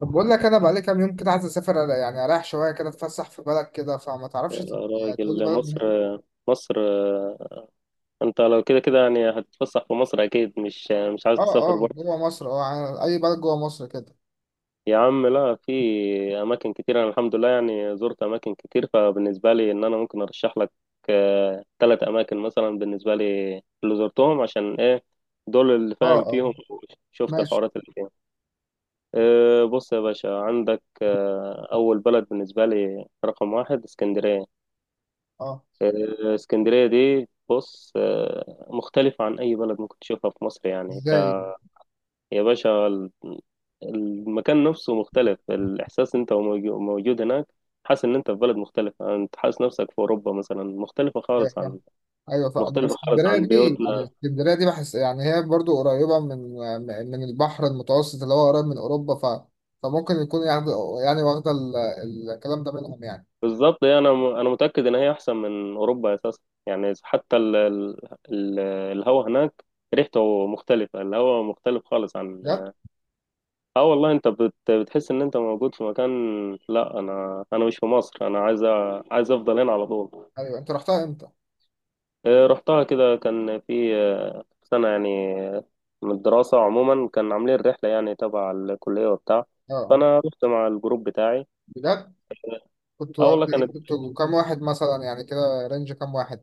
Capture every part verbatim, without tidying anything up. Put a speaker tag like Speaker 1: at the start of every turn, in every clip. Speaker 1: طب بقول لك انا بقالي كام يوم كده عايز اسافر أر- يعني اريح شويه كده اتفسح في بلد كده فما
Speaker 2: يا
Speaker 1: تعرفش ت- تقول لي
Speaker 2: راجل،
Speaker 1: بلد
Speaker 2: مصر.
Speaker 1: من-
Speaker 2: مصر. انت لو كده كده يعني هتتفسح في مصر، اكيد مش مش عايز
Speaker 1: اه.
Speaker 2: تسافر
Speaker 1: اه
Speaker 2: بره.
Speaker 1: جوه مصر. اه يعني اي بلد جوه مصر كده.
Speaker 2: يا عم، لا، في اماكن كتير. انا الحمد لله يعني زرت اماكن كتير، فبالنسبه لي ان انا ممكن ارشح لك ثلاث اماكن مثلا. بالنسبه لي اللي زرتهم عشان ايه؟ دول اللي
Speaker 1: اه
Speaker 2: فاهم
Speaker 1: اه
Speaker 2: فيهم، شفت
Speaker 1: ماشي
Speaker 2: الحوارات اللي فيهم. آه، بص يا باشا، عندك آه، اول بلد بالنسبه لي رقم واحد اسكندريه.
Speaker 1: اه.
Speaker 2: آه، اسكندرية دي بص، آه، مختلفة عن أي بلد ممكن تشوفها في مصر، يعني ك...
Speaker 1: ازاي؟
Speaker 2: يا باشا، ال- المكان نفسه مختلف، الإحساس أنت وموجو- موجود هناك، حاسس إن أنت في بلد مختلفة، أنت حاسس نفسك في أوروبا مثلا، مختلفة
Speaker 1: إيه،
Speaker 2: خالص عن
Speaker 1: ايوه فا- بس
Speaker 2: مختلفة خالص
Speaker 1: اسكندريه
Speaker 2: عن
Speaker 1: دي، يعني
Speaker 2: بيوتنا.
Speaker 1: اسكندريه دي بحس يعني هي برضو قريبه من من البحر المتوسط اللي هو قريب من اوروبا، ف فممكن يكون يعني، يعني واخده ال- الكلام ده منهم يعني.
Speaker 2: بالظبط، يعني أنا م- أنا متأكد إن هي أحسن من أوروبا أساسا. يعني حتى ال... ال... ال- الهوا هناك ريحته مختلفة، الهوا مختلف خالص عن،
Speaker 1: بجد؟
Speaker 2: اه والله انت بت... بتحس ان انت موجود في مكان، لا انا انا مش في مصر، انا عايز أ- عايز افضل هنا على طول.
Speaker 1: ايوه انت رحتها امتى؟
Speaker 2: آه، رحتها كده، كان في آه، سنة يعني آه، من الدراسة عموما، كان عاملين رحلة يعني تبع الكلية وبتاع،
Speaker 1: اه. آه.
Speaker 2: فانا رحت مع الجروب بتاعي.
Speaker 1: بجد؟ كنت
Speaker 2: اه والله كانت،
Speaker 1: كنت كام واحد مثلا يعني كده، رينج كام واحد؟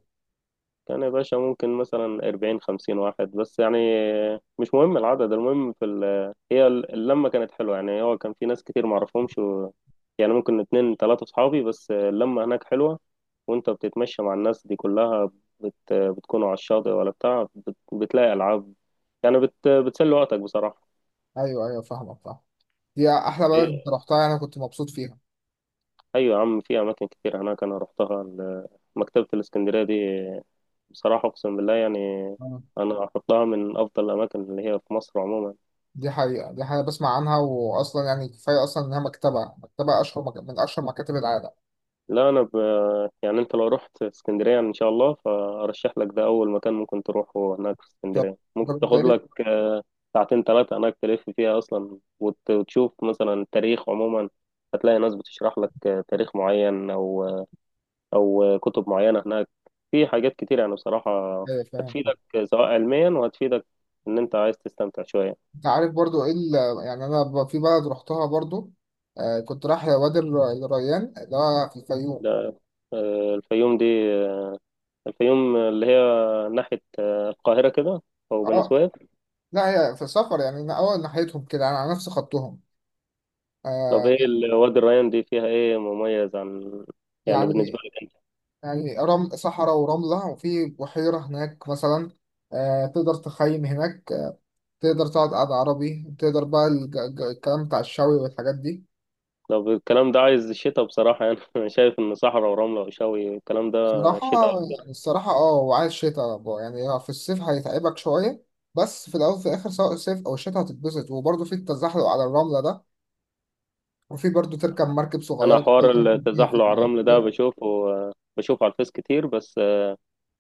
Speaker 2: كان يا باشا ممكن مثلا أربعين خمسين واحد بس، يعني مش مهم العدد، المهم في ال... هي ال- اللمة كانت حلوة، يعني هو كان في ناس كتير معرفهمش و... يعني ممكن اتنين تلاتة صحابي بس، اللمة هناك حلوة، وانت بتتمشى مع الناس دي كلها، بت... بتكونوا على الشاطئ ولا بتاع، بت... بتلاقي ألعاب يعني، بت... بتسلي وقتك بصراحة.
Speaker 1: ايوه ايوه، فاهمك فاهم. دي احلى بلد انت
Speaker 2: إيه،
Speaker 1: رحتها يعني، انا كنت مبسوط فيها.
Speaker 2: أيوة يا عم، في أماكن كتير هناك أنا رحتها، ال- مكتبة الإسكندرية دي بصراحة أقسم بالله يعني
Speaker 1: آه.
Speaker 2: أنا أحطها من أفضل الأماكن اللي هي في مصر عموما.
Speaker 1: دي حقيقة، دي حاجة بسمع عنها، وأصلا يعني كفاية أصلا إنها مكتبة مكتبة أشهر مك... من أشهر مكاتب العالم.
Speaker 2: لا، انا ب... يعني انت لو رحت اسكندريه ان شاء الله، فارشح لك ده اول مكان ممكن تروحه هناك في
Speaker 1: طب
Speaker 2: اسكندريه.
Speaker 1: طب
Speaker 2: ممكن
Speaker 1: أنت
Speaker 2: تاخد
Speaker 1: إيه؟
Speaker 2: لك آه، ساعتين ثلاثه هناك، تلف فيها اصلا وت... وتشوف مثلا التاريخ عموما، هتلاقي ناس بتشرح لك آه، تاريخ معين او او كتب معينه هناك. في حاجات كتير يعني بصراحه
Speaker 1: إيه، فاهم فاهم.
Speaker 2: هتفيدك، آه، سواء علميا، وهتفيدك ان انت عايز تستمتع شويه.
Speaker 1: أنت عارف برضو إيه ال... يعني أنا ب- في بلد رحتها برضو، آه، كنت رايح وادي الر- الريان اللي هو في الفيوم.
Speaker 2: ده آه، الفيوم دي، آه، الفيوم اللي هي ناحيه آه، القاهره كده، او بني
Speaker 1: أه.
Speaker 2: سويف.
Speaker 1: لا هي في سفر يعني، أنا أول ناحيتهم كده، أنا على نفس خطهم.
Speaker 2: طب
Speaker 1: آه.
Speaker 2: ايه ال- وادي الريان دي فيها ايه مميز عن، يعني بالنسبة
Speaker 1: يعني،
Speaker 2: لك انت؟
Speaker 1: يعني رم... صحراء ورملة، وفي بحيرة هناك مثلا، آه، تقدر تخيم هناك، آه، تقدر تقعد قعدة عربي، تقدر بقى الج... ج- الكلام بتاع الشوي والحاجات دي.
Speaker 2: طب الكلام ده عايز شتاء بصراحة يعني انا شايف ان صحراء ورملة وشوي الكلام ده
Speaker 1: صراحة،
Speaker 2: شتاء اكتر.
Speaker 1: يعني الصراحة اه وعايز شتاء بقى. يعني هو في الصيف هيتعبك شوية، بس في الأول وفي الآخر سواء الصيف أو الشتاء هتتبسط، وبرضه في التزحلق على الرملة ده، وفي برضه تركب مركب
Speaker 2: انا
Speaker 1: صغيرة تقدر
Speaker 2: حوار
Speaker 1: تمشي فيها في
Speaker 2: التزحلق على
Speaker 1: البلاد.
Speaker 2: الرمل ده بشوفه بشوفه على الفيس كتير، بس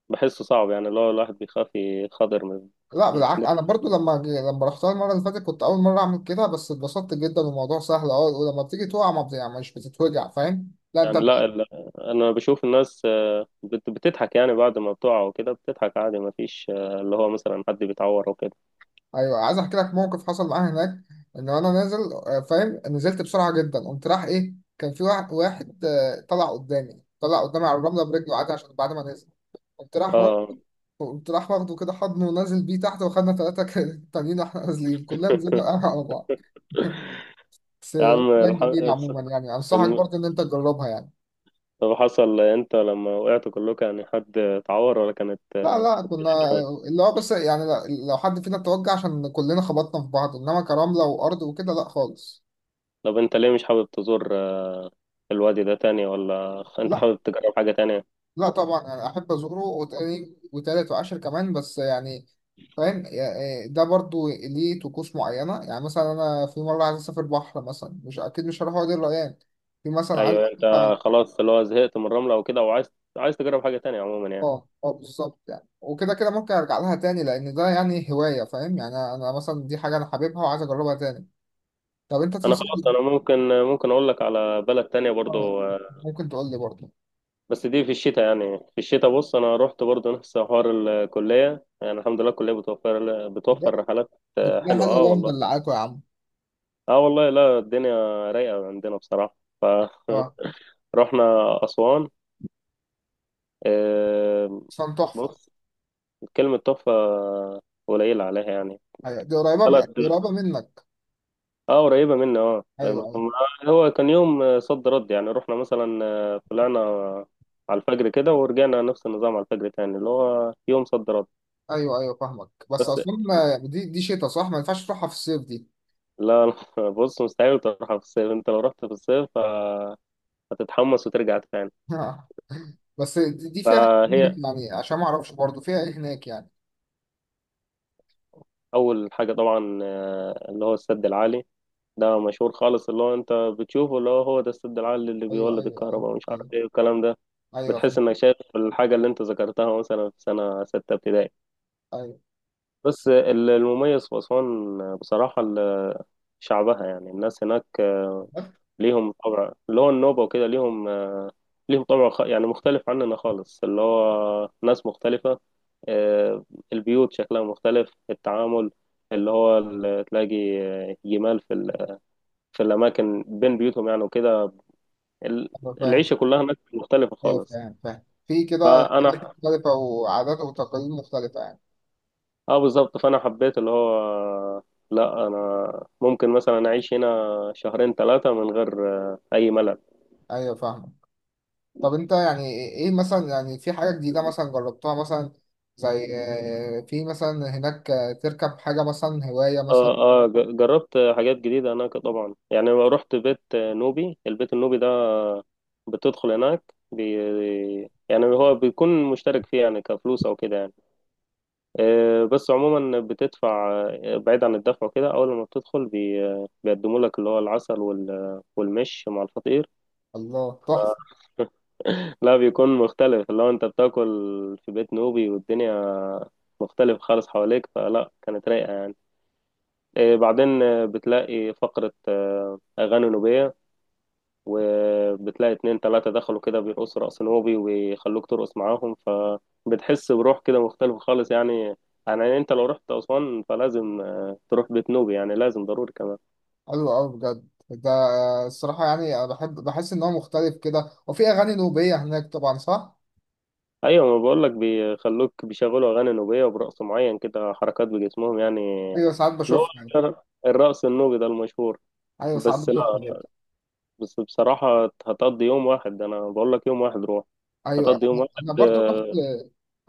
Speaker 2: بحسه صعب يعني اللي هو الواحد بيخاف يخاطر من.
Speaker 1: لا بالعكس، انا برضو لما لما رحتها المره اللي فاتت كنت اول مره اعمل كده، بس اتبسطت جدا والموضوع سهل. اه ولما بتيجي تقع ما بت- يعني مش بتتوجع، فاهم؟ لا انت
Speaker 2: يعني
Speaker 1: بت-
Speaker 2: لا، ال- انا بشوف الناس بت- بتضحك، يعني بعد ما بتقع وكده بتضحك عادي، ما فيش اللي هو مثلا حد بيتعور وكده.
Speaker 1: ايوه عايز احكي لك موقف حصل معايا هناك. ان انا نازل، آه، فاهم، نزلت بسرعه جدا، قمت راح ايه، كان في واحد واحد، آه، طلع قدامي، طلع قدامي على الرمله برجله عادي عشان بعد ما نزل قمت راح وا-
Speaker 2: اه.
Speaker 1: قمت راح واخده كده حضنه ونازل بيه تحت، واخدنا ثلاثه تانيين واحنا نازلين كلنا نزلنا على بعض. بس
Speaker 2: يا عم
Speaker 1: كان
Speaker 2: الح...
Speaker 1: جميل عموما، يعني انصحك برضو ان انت تجربها يعني.
Speaker 2: طب حصل انت لما وقعتوا كلكم، يعني حد اتعور ولا كانت
Speaker 1: لا
Speaker 2: آه،
Speaker 1: لا،
Speaker 2: الدنيا
Speaker 1: كنا
Speaker 2: تمام؟
Speaker 1: اللي هو بس يعني، ل- لو حد فينا توجع عشان كلنا خبطنا في بعض، انما كرملة وارض وكده لا خالص.
Speaker 2: طب انت ليه مش حابب تزور آه، الوادي ده تاني، ولا انت
Speaker 1: لا
Speaker 2: حابب تجرب حاجة تانية؟
Speaker 1: لا طبعا، يعني احب ازوره، وتاني وتالت وعاشر كمان، بس يعني فاهم يا- ده برضو ليه طقوس معينة، يعني مثلا انا في مرة عايز اسافر بحر مثلا، مش اكيد مش هروح وادي الريان. في مثلا عايز
Speaker 2: ايوه انت
Speaker 1: أسافر-
Speaker 2: خلاص اللي هو زهقت من الرملة وكده، وعايز عايز تجرب حاجة تانية عموما يعني.
Speaker 1: اه اه بالظبط، يعني وكده كده ممكن ارجع لها تاني، لان ده يعني هواية، فاهم؟ يعني انا أنا مثلا دي حاجة انا حاببها وعايز اجربها تاني. طب انت
Speaker 2: انا خلاص،
Speaker 1: تنصحني؟
Speaker 2: انا ممكن ممكن اقول لك على بلد تانية
Speaker 1: اه
Speaker 2: برضو آه،
Speaker 1: ممكن تقول لي برضه.
Speaker 2: بس دي في الشتاء. يعني في الشتاء بص انا رحت برضو نفس حوار الكلية، يعني الحمد لله الكلية بتوفر بتوفر
Speaker 1: بجد؟
Speaker 2: رحلات
Speaker 1: دي
Speaker 2: آه،
Speaker 1: كلها
Speaker 2: حلوة،
Speaker 1: حلوه
Speaker 2: اه
Speaker 1: بقى،
Speaker 2: والله.
Speaker 1: مدلعاكوا يا عم.
Speaker 2: اه والله، لا الدنيا رايقة عندنا بصراحة، ف
Speaker 1: اه.
Speaker 2: رحنا أسوان. آه،
Speaker 1: اصلا تحفه.
Speaker 2: بص، كلمة تحفة قليلة عليها يعني.
Speaker 1: ايوه، دي قريبه من- دي
Speaker 2: بلد،
Speaker 1: قريبه منك.
Speaker 2: اه قريبة مني، اه
Speaker 1: ايوه
Speaker 2: آه،
Speaker 1: ايوه
Speaker 2: هو كان يوم صد رد، يعني رحنا مثلا آه، طلعنا على الفجر كده ورجعنا نفس النظام على الفجر تاني اللي هو يوم صد رد.
Speaker 1: ايوه. ايوه فاهمك، بس
Speaker 2: بس
Speaker 1: اصلا ما- يعني دي دي شتا صح، ما ينفعش تروحها في الصيف دي.
Speaker 2: لا، لا، بص مستحيل تروحها في الصيف، انت لو رحت في الصيف آه، هتتحمس وترجع تاني.
Speaker 1: بس دي دي فيها إيه
Speaker 2: فهي
Speaker 1: هناك يعني؟ عشان ما اعرفش برضه فيها ايه هناك يعني.
Speaker 2: أول حاجة طبعا آه، اللي هو السد العالي ده مشهور خالص، اللي هو انت بتشوفه اللي هو هو ده السد العالي اللي
Speaker 1: ايوه
Speaker 2: بيولد
Speaker 1: ايوه ايوه.
Speaker 2: الكهرباء، مش عارف
Speaker 1: ايوه
Speaker 2: ايه والكلام ده.
Speaker 1: ايوه
Speaker 2: بتحس
Speaker 1: فاهم.
Speaker 2: انك شايف الحاجة اللي انت ذكرتها مثلا في سنة ستة ابتدائي.
Speaker 1: ايوه
Speaker 2: بس ال- المميز في أسوان بصراحة ال- شعبها يعني، الناس هناك ليهم طبع اللي هو النوبة وكده، ليهم ليهم طبع خ- يعني مختلف عننا خالص، اللي هو ناس مختلفة. آه، البيوت شكلها مختلف، التعامل اللي هو ال- تلاقي جمال في ال- في الأماكن بين بيوتهم يعني وكده. ال-
Speaker 1: ايوه فاهم.
Speaker 2: العيشة كلها هناك مختلفة
Speaker 1: ايوه
Speaker 2: خالص.
Speaker 1: فاهم فاهم، في كده حاجات
Speaker 2: فأنا،
Speaker 1: مختلفه وعادات وتقاليد مختلفه يعني.
Speaker 2: اه بالظبط، فأنا حبيت اللي هو لا، أنا ممكن مثلا أعيش هنا شهرين ثلاثة من غير آه، أي ملل.
Speaker 1: ايوه فاهم. طب انت يعني ايه مثلا، يعني في حاجة جديدة مثلا جربتها مثلا، زي آه، في مثلا هناك، آه، تركب حاجة مثلا هواية مثلا؟
Speaker 2: اه اه، ج- جربت حاجات جديدة هناك طبعا، يعني لما رحت بيت نوبي البيت النوبي ده بتدخل هناك بي، يعني هو بيكون مشترك فيه يعني كفلوس أو كده يعني. آه، بس عموما بتدفع. آه، بعيد عن الدفع وكده، اول ما بتدخل بي آه، بيقدموا لك اللي هو العسل وال- والمش مع الفطير.
Speaker 1: الله تحفة.
Speaker 2: لا بيكون مختلف، اللي هو انت بتاكل في بيت نوبي والدنيا مختلف خالص حواليك، فلا كانت رايقة يعني. آه، بعدين آه، بتلاقي فقرة آه، أغاني نوبية، وبتلاقي اتنين تلاتة دخلوا كده بيرقصوا رقص نوبي ويخلوك ترقص معاهم، فبتحس بروح كده مختلفة خالص يعني. يعني انت لو رحت أسوان فلازم آه، تروح بيت نوبي، يعني لازم ضروري كمان.
Speaker 1: حلو قوي بجد ده. الصراحة يعني انا بحب، بحس ان هو مختلف كده، وفي اغاني نوبية هناك طبعا صح؟
Speaker 2: أيوة، ما بقولك بيخلوك بيشغلوا أغاني نوبية، وبرقص معين كده حركات بجسمهم يعني.
Speaker 1: ايوه ساعات
Speaker 2: اللي هو
Speaker 1: بشوفها يعني.
Speaker 2: الرقص النوبي ده المشهور.
Speaker 1: ايوه ساعات
Speaker 2: بس لا،
Speaker 1: بشوفها برضه.
Speaker 2: بس بصراحة هتقضي يوم واحد، أنا بقولك يوم واحد روح،
Speaker 1: ايوه
Speaker 2: هتقضي يوم
Speaker 1: انا،
Speaker 2: واحد
Speaker 1: أنا برضه رحت
Speaker 2: آه،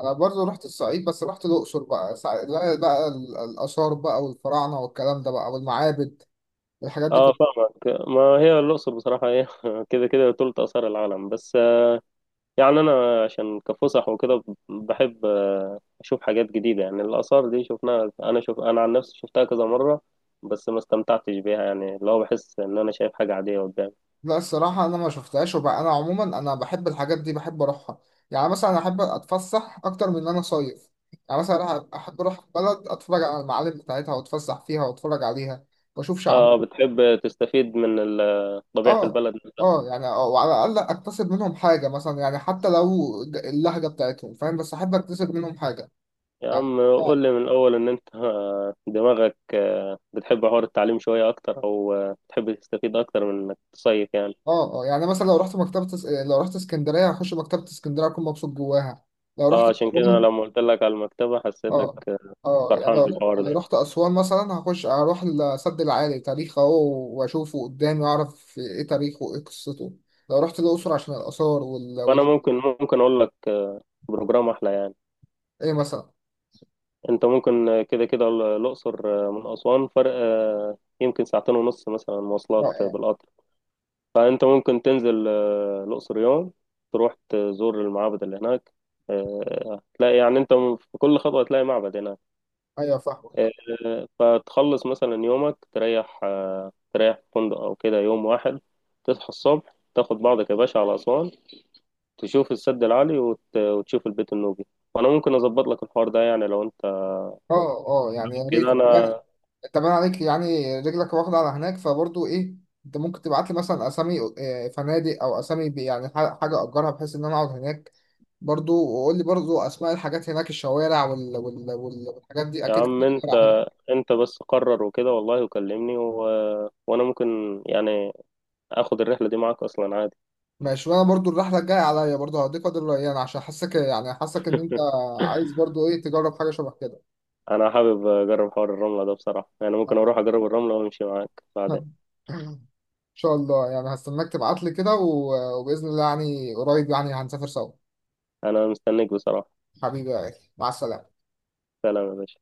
Speaker 1: انا برضه رحت الصعيد، بس رحت الاقصر بقى، ساع- بقى بقى ال- الاثار بقى والفراعنة والكلام ده بقى والمعابد، الحاجات دي.
Speaker 2: اه فاهمك. ما هي الأقصر بصراحة ايه كده كده تلت آثار العالم، بس آه، يعني أنا عشان كفسح وكده بحب آه، أشوف حاجات جديدة، يعني الآثار دي شفناها أنا شوف، أنا عن نفسي شفتها كذا مرة بس ما استمتعتش بيها، يعني اللي هو بحس إن أنا شايف حاجة عادية قدامي.
Speaker 1: لا الصراحة أنا ما شفتهاش، وبقى أنا عموما أنا بحب الحاجات دي بحب أروحها. يعني مثلا أحب أتفسح أكتر من إن أنا صيف، يعني مثلا أروح- أحب أروح بلد أتفرج على المعالم بتاعتها، وأتفسح فيها وأتفرج عليها وأشوف شعب.
Speaker 2: اه بتحب تستفيد من ال- طبيعة
Speaker 1: آه.
Speaker 2: البلد نفسها.
Speaker 1: آه يعني، آه، وعلى الأقل أكتسب منهم حاجة مثلا، يعني حتى لو ج- اللهجة بتاعتهم، فاهم، بس أحب أكتسب منهم حاجة.
Speaker 2: يا
Speaker 1: يعني
Speaker 2: عم
Speaker 1: آه.
Speaker 2: قول لي من الأول إن أنت آه، دماغك آه، بتحب حوار التعليم شوية أكتر، أو آه، بتحب تستفيد أكتر من إنك تصيف يعني.
Speaker 1: آه آه، يعني مثلا لو رحت مكتبة اس- لو رحت اسكندرية هخش مكتبة اسكندرية أكون مبسوط جواها. لو
Speaker 2: اه
Speaker 1: رحت،
Speaker 2: عشان كده أنا لما قلت لك على المكتبة حسيتك
Speaker 1: اه اه، يعني
Speaker 2: فرحان
Speaker 1: لو
Speaker 2: بالحوار
Speaker 1: لو
Speaker 2: ده.
Speaker 1: رحت أسوان مثلا هخش هروح لسد العالي تاريخ أهو، وأشوفه قدامي وأعرف إيه تاريخه وإيه قصته. لو رحت الأقصر عشان الآثار وال... وال...
Speaker 2: فأنا ممكن ممكن أقول لك آه، بروجرام أحلى يعني.
Speaker 1: إيه مثلا؟
Speaker 2: أنت ممكن آه، كده كده ال- الأقصر آه، من أسوان فرق آه، يمكن ساعتين ونص مثلا
Speaker 1: اه
Speaker 2: مواصلات آه،
Speaker 1: اه.
Speaker 2: بالقطر. فأنت ممكن تنزل آه، الأقصر يوم، تروح تزور المعابد اللي هناك آه، هتلاقي يعني أنت في كل خطوة هتلاقي معبد هناك.
Speaker 1: أيوه فاهم.
Speaker 2: آه، فتخلص مثلا يومك، تريح آه، تريح في فندق أو كده يوم واحد. تصحى الصبح تاخد بعضك يا باشا على أسوان، تشوف السد العالي وت... وتشوف البيت النوبي. وانا ممكن اظبط لك الحوار ده يعني، لو انت
Speaker 1: اه اه يعني يا
Speaker 2: كده.
Speaker 1: ريت يعني.
Speaker 2: انا،
Speaker 1: أنت باين عليك يعني رجلك واخدة على هناك، فبرضه إيه، أنت ممكن تبعت لي مثلا أسامي، آه، فنادق أو أسامي ب- يعني ح- حاجة أجرها، بحيث إن أنا أقعد هناك برضه. وقول لي برضه أسماء الحاجات هناك، الشوارع وال... وال... وال... والحاجات دي،
Speaker 2: يا
Speaker 1: أكيد في
Speaker 2: عم انت،
Speaker 1: شوارع.
Speaker 2: انت بس قرر وكده والله وكلمني و... وانا ممكن يعني اخد الرحله دي معاك اصلا عادي.
Speaker 1: ماشي، وانا برضو الرحله الجايه عليا برضو هديك، فاضل له ايام، عشان حاسك يعني حاسك ان انت عايز برضو ايه، تجرب حاجه شبه كده.
Speaker 2: انا حابب اجرب حوار الرمله ده بصراحه يعني، ممكن اروح اجرب الرمله وامشي معاك بعدين.
Speaker 1: ان شاء الله، يعني هستناك تبعت لي كده، و- وباذن الله يعني قريب يعني هنسافر سوا.
Speaker 2: انا مستنيك بصراحه.
Speaker 1: حبيبي يا غالي مع السلامه.
Speaker 2: سلام يا باشا.